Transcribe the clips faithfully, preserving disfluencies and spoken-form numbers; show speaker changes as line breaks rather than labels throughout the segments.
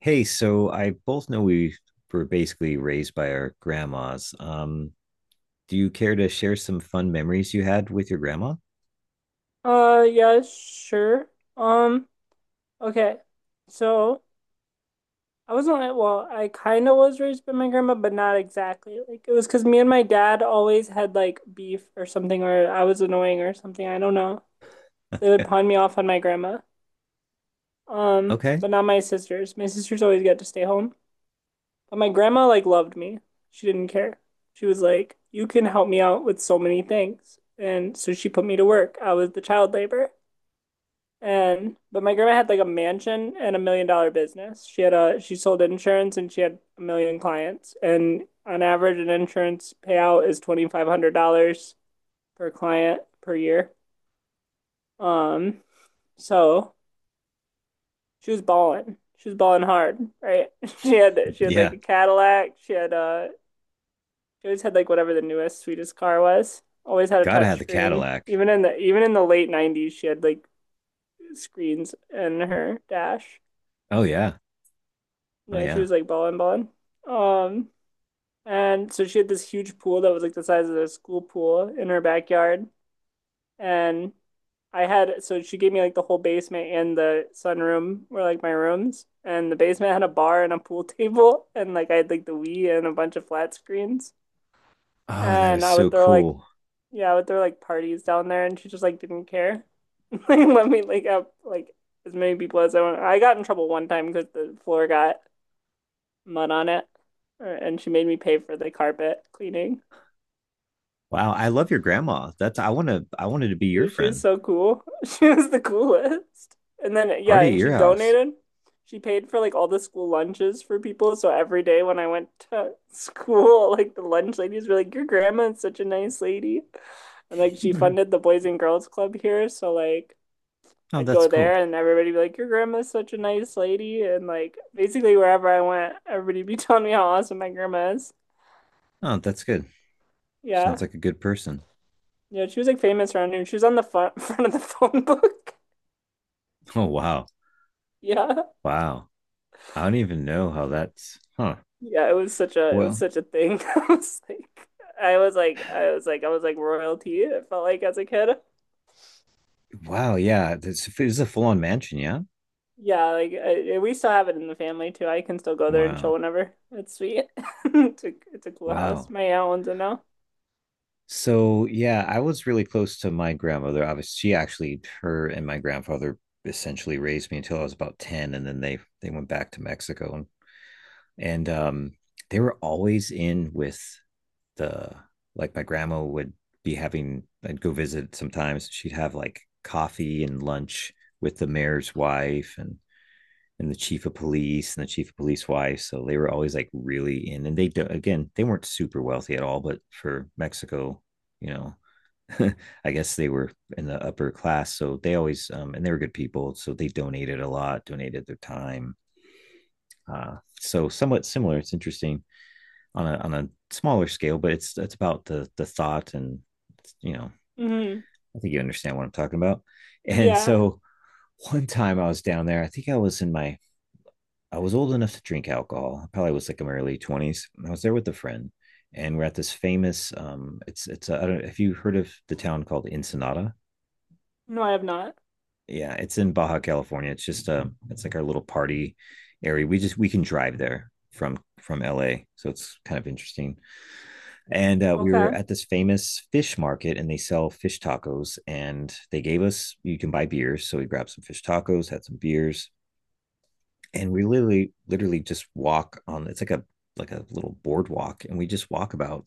Hey, so I both know we were basically raised by our grandmas. Um, do you care to share some fun memories you had with your grandma?
Uh, yeah, sure. Um, okay. So I wasn't like, well, I kind of was raised by my grandma, but not exactly. Like it was because me and my dad always had like beef or something, or I was annoying or something. I don't know. They would pawn me off on my grandma. Um,
Okay.
but not my sisters. My sisters always got to stay home. But my grandma like loved me. She didn't care. She was like, "You can help me out with so many things," and so she put me to work. I was the child labor. And but my grandma had like a mansion and a million dollar business. She had a She sold insurance and she had a million clients. And on average, an insurance payout is twenty-five hundred dollars per client per year. Um, so she was balling. She was balling hard, right? She had she had like
Yeah.
a Cadillac. She had uh she always had like whatever the newest, sweetest car was. Always had a
Gotta have
touch
the
screen.
Cadillac.
Even in the even in the late nineties, she had like screens in her dash.
Oh yeah. Oh
No, she
yeah.
was like balling, balling. Um, and so she had this huge pool that was like the size of a school pool in her backyard. And I had, so she gave me like the whole basement and the sunroom were like my rooms. And the basement had a bar and a pool table. And like I had like the Wii and a bunch of flat screens.
Oh, that
And
is
I
so
would throw like,
cool.
yeah, I would throw like parties down there. And she just like didn't care. Like let me like up like as many people as I want. I got in trouble one time because the floor got mud on it, uh, and she made me pay for the carpet cleaning.
Wow, I love your grandma. That's I wanna I wanted to be your
She's
friend.
so cool. She was the coolest. And then, yeah,
Party at
and she
your house.
donated. She paid for like all the school lunches for people. So every day when I went to school, like the lunch ladies were like, "Your grandma is such a nice lady." And like she
Mhm.
funded the Boys and Girls Club here. So like
Oh,
I'd go
that's
there
cool.
and everybody would be like, "Your grandma is such a nice lady." And like basically wherever I went, everybody'd be telling me how awesome my grandma is.
Oh, that's good. Sounds
Yeah.
like a good person.
Yeah, she was like famous around here. She was on the front front of the phone book.
Oh wow.
Yeah.
Wow. I don't even know how that's huh.
Yeah, it was such a it was
Well,
such a thing. I was like I was like I was like I was like royalty. It felt like as a kid.
wow, yeah, this it was a full-on mansion, yeah.
Yeah, like I, we still have it in the family too. I can still go there and chill
Wow,
whenever. It's sweet. It's a it's a cool house.
wow.
My aunt owns it now.
So yeah, I was really close to my grandmother. Obviously, she actually, her and my grandfather essentially raised me until I was about ten, and then they they went back to Mexico, and and um, they were always in with the, like my grandma would be having. I'd go visit sometimes. She'd have like coffee and lunch with the mayor's wife, and and the chief of police and the chief of police wife. So they were always like really in, and they do, again they weren't super wealthy at all, but for Mexico, you know, I guess they were in the upper class, so they always um, and they were good people, so they donated a lot, donated their time. Uh, so somewhat similar. It's interesting on a on a smaller scale, but it's it's about the the thought and you know,
Hmm.
I think you understand what I'm talking about. And
Yeah.
so one time I was down there, I think I was in my, I was old enough to drink alcohol. I probably was like in my early twenties. I was there with a friend and we're at this famous um it's it's a, I don't have you heard of the town called Ensenada?
No, I have not.
Yeah, it's in Baja California. It's just uh it's like our little party area. We just we can drive there from from L A. So it's kind of interesting. And uh, we were
Okay.
at this famous fish market and they sell fish tacos and they gave us, you can buy beers. So we grabbed some fish tacos, had some beers and we literally literally just walk on, it's like a like a little boardwalk, and we just walk about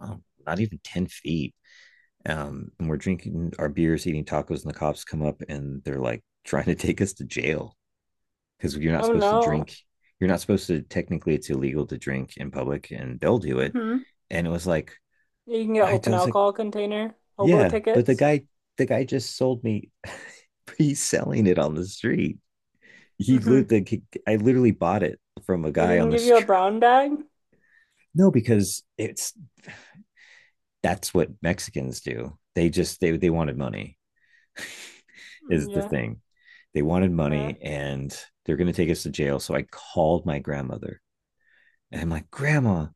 um, not even ten feet, um, and we're drinking our beers eating tacos and the cops come up and they're like trying to take us to jail because you're not
Oh
supposed to
no.
drink, you're not supposed to, technically it's illegal to drink in public and they'll do it.
Hmm.
And it was like,
You can get
i I
open
was like,
alcohol container, hobo
yeah, but the
tickets.
guy the guy just sold me, he's selling it on the street, he
Hmm.
lit I literally bought it from a
They
guy
didn't
on the
give you a
street.
brown bag?
No, because it's, that's what Mexicans do. They just they they wanted money
Mm,
is the
yeah.
thing. They wanted
Okay.
money and they're going to take us to jail. So I called my grandmother and I'm like, "Grandma,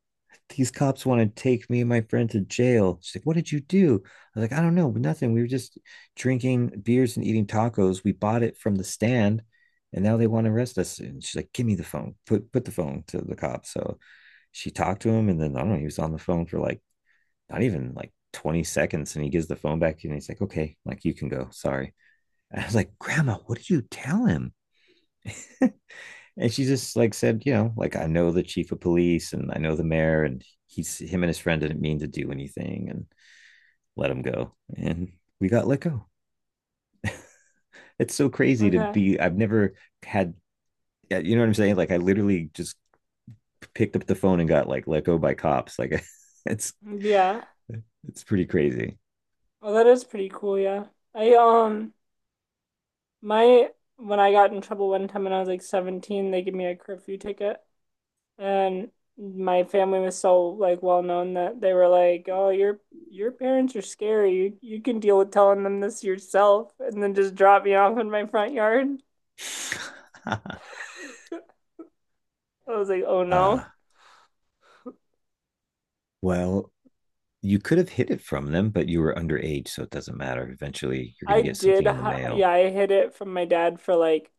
these cops want to take me and my friend to jail." She's like, "What did you do?" I was like, "I don't know, nothing. We were just drinking beers and eating tacos. We bought it from the stand, and now they want to arrest us." And she's like, "Give me the phone. Put put the phone to the cop." So she talked to him, and then I don't know. He was on the phone for like not even like twenty seconds and he gives the phone back to you and he's like, okay, like you can go. Sorry. And I was like, Grandma, what did you tell him? And she just like said, you know, like I know the chief of police and I know the mayor and he's, him and his friend didn't mean to do anything, and let him go. And we got let go. It's so crazy to
Okay.
be, I've never had, uh, you know what I'm saying? Like I literally just picked up the phone and got like let go by cops. Like it's
Yeah.
it's pretty crazy.
Well, that is pretty cool, yeah. I um my When I got in trouble one time when I was like seventeen, they gave me a curfew ticket and my family was so like well known that they were like, "Oh, your your parents are scary. You you can deal with telling them this yourself." And then just drop me off in my front yard. I was like, "Oh
uh
no."
well, you could have hid it from them, but you were underage, so it doesn't matter. Eventually, you're going
I
to get something
did
in the
hi- yeah,
mail.
I hid it from my dad for like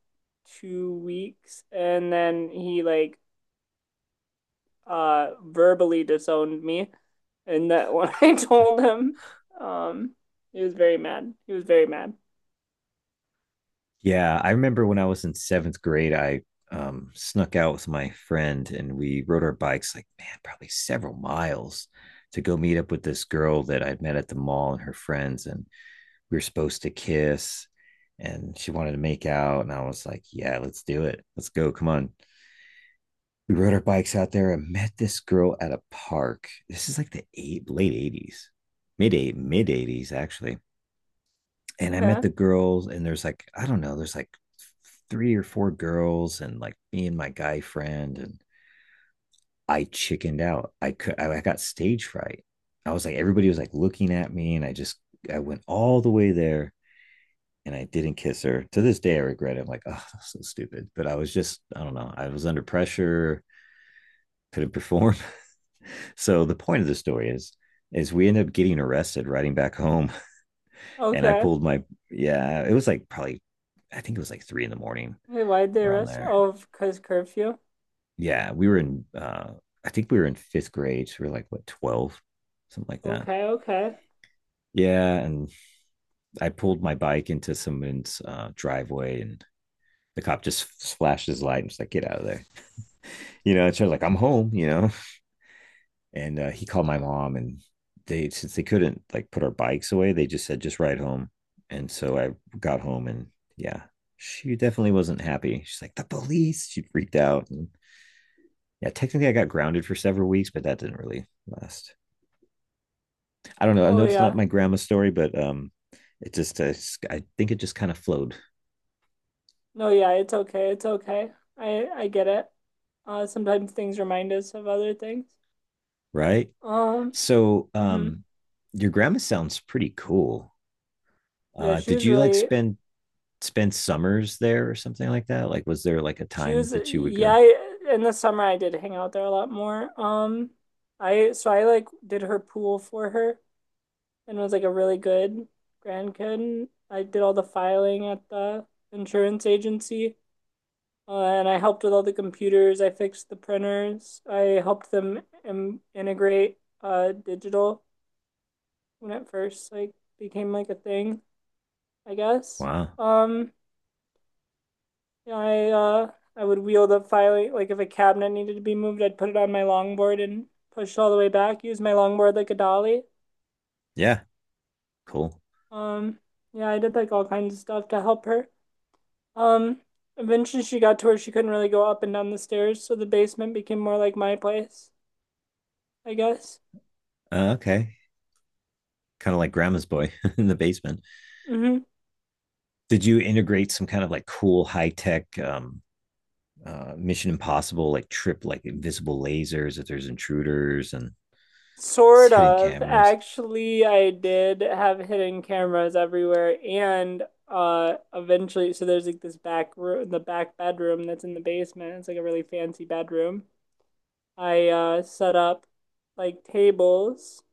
two weeks, and then he like uh verbally disowned me, and that when I told him. um he was very mad. He was very mad.
Yeah, I remember when I was in seventh grade, I um, snuck out with my friend and we rode our bikes, like, man, probably several miles to go meet up with this girl that I'd met at the mall and her friends. And we were supposed to kiss and she wanted to make out. And I was like, yeah, let's do it. Let's go. Come on. We rode our bikes out there and met this girl at a park. This is like the eight, late eighties, mid eight, mid eighties actually. And I met
Yeah.
the girls, and there's like, I don't know, there's like three or four girls, and like me and my guy friend, and I chickened out. I could I, got stage fright. I was like, everybody was like looking at me, and I just, I went all the way there and I didn't kiss her. To this day, I regret it. I'm like, oh, that's so stupid. But I was just, I don't know. I was under pressure, couldn't perform. So the point of the story is is we ended up getting arrested riding back home, and I
Okay.
pulled my yeah it was like probably, I think it was like three in the morning
Wait, why'd they
around
arrest you?
there.
Oh, because curfew.
Yeah, we were in uh I think we were in fifth grade so we were like, what, twelve, something like that.
Okay, okay.
Yeah, and I pulled my bike into someone's uh, driveway and the cop just flashed his light and was like, get out of there, you know. And she was like, I'm home, you know. And uh, he called my mom, and they, since they couldn't like put our bikes away, they just said just ride home. And so I got home, and yeah, she definitely wasn't happy. She's like, the police, she freaked out. And yeah, technically I got grounded for several weeks, but that didn't really last. I don't know, I know
Oh
it's not
yeah.
my grandma's story but um it just, uh, I think it just kind of flowed.
No, yeah, it's okay. It's okay. I I get it. Uh, sometimes things remind us of other things.
Right,
Um,
so
mhm.
um your grandma sounds pretty cool.
Yeah,
Uh
she
did
was
you like
really
spend spend summers there or something like that? Like, was there like a
she
time
was
that you would
yeah,
go?
I- in the summer I did hang out there a lot more. Um I so I like did her pool for her and was like a really good grandkid. I did all the filing at the insurance agency, uh, and I helped with all the computers. I fixed the printers. I helped them im- integrate uh, digital when it first like became like a thing, I guess.
Wow.
Um, yeah, I uh, I would wheel the filing like if a cabinet needed to be moved, I'd put it on my longboard and push all the way back. Use my longboard like a dolly.
Yeah. Cool.
Um, yeah, I did like all kinds of stuff to help her. Um, Eventually she got to where she couldn't really go up and down the stairs, so the basement became more like my place, I guess.
Uh, okay. Kind of like grandma's boy in the basement.
Hmm.
Did you integrate some kind of like cool high tech um, uh, Mission Impossible like trip, like invisible lasers if there's intruders and
Sort
hidden
of.
cameras?
Actually, I did have hidden cameras everywhere, and uh eventually so there's like this back room the back bedroom that's in the basement. It's like a really fancy bedroom. I uh set up like tables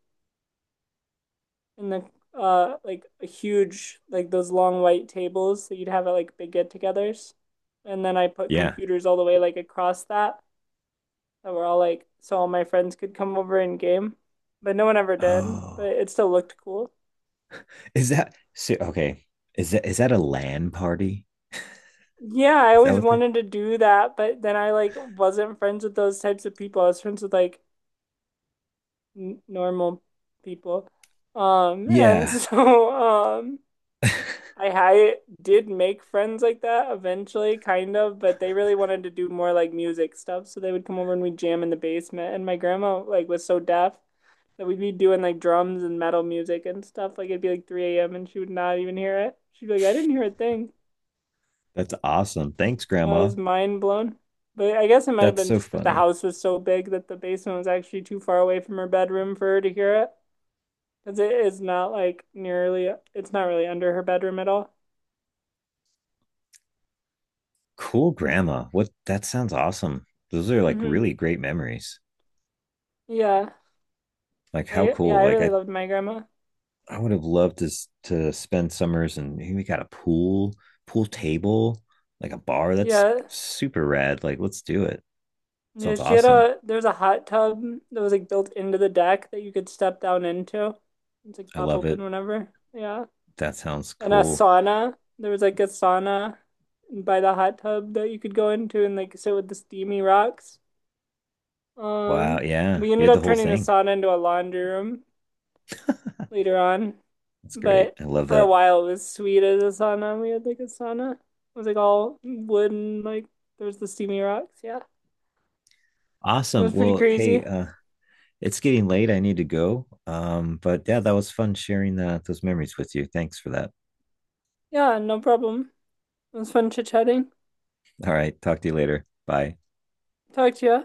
and the uh like a huge like those long white tables that you'd have at like big get-togethers. And then I put
Yeah.
computers all the way like across that that were all like so all my friends could come over and game. But no one ever did, but
Oh,
it still looked cool.
is that so? Okay. Is that is that a LAN party?
Yeah, I
Is that
always
what the?
wanted to do that, but then I like wasn't friends with those types of people. I was friends with like n normal people. Um, and
Yeah.
so um I I did make friends like that eventually, kind of, but they really wanted to do more like music stuff. So they would come over and we'd jam in the basement. And my grandma like was so deaf that we'd be doing like drums and metal music and stuff. Like it'd be like three a m and she would not even hear it. She'd be like, "I didn't hear a thing."
That's awesome. Thanks,
And I
Grandma.
was mind blown. But I guess it might have
That's
been
so
just that the
funny.
house was so big that the basement was actually too far away from her bedroom for her to hear it. Because it is not like nearly, it's not really under her bedroom at all.
Cool grandma. What, that sounds awesome. Those are like
Hmm.
really great memories.
Yeah.
Like how
I Yeah,
cool.
I
Like
really
I
loved my grandma.
I would have loved to s- to spend summers and we got a pool, pool table, like a bar. That's
Yeah.
super rad. Like let's do it.
Yeah,
Sounds
she had
awesome.
a there was a hot tub that was like built into the deck that you could step down into. It's like
I
pop
love it.
open whenever. Yeah.
That sounds
And a
cool.
sauna. There was like a sauna by the hot tub that you could go into and like sit with the steamy rocks.
Wow,
Um,
yeah.
we
You
ended
had the
up
whole
turning the
thing.
sauna into a laundry room later on,
That's great.
but
I love
for a
that.
while it was sweet as a sauna. We had like a sauna. It was like all wood and like there was the steamy rocks, yeah. It
Awesome.
was pretty
Well, hey,
crazy.
uh it's getting late. I need to go. Um, but yeah, that was fun sharing uh, those memories with you. Thanks for that.
Yeah, no problem. It was fun chit chatting.
All right. Talk to you later. Bye.
Talk to you.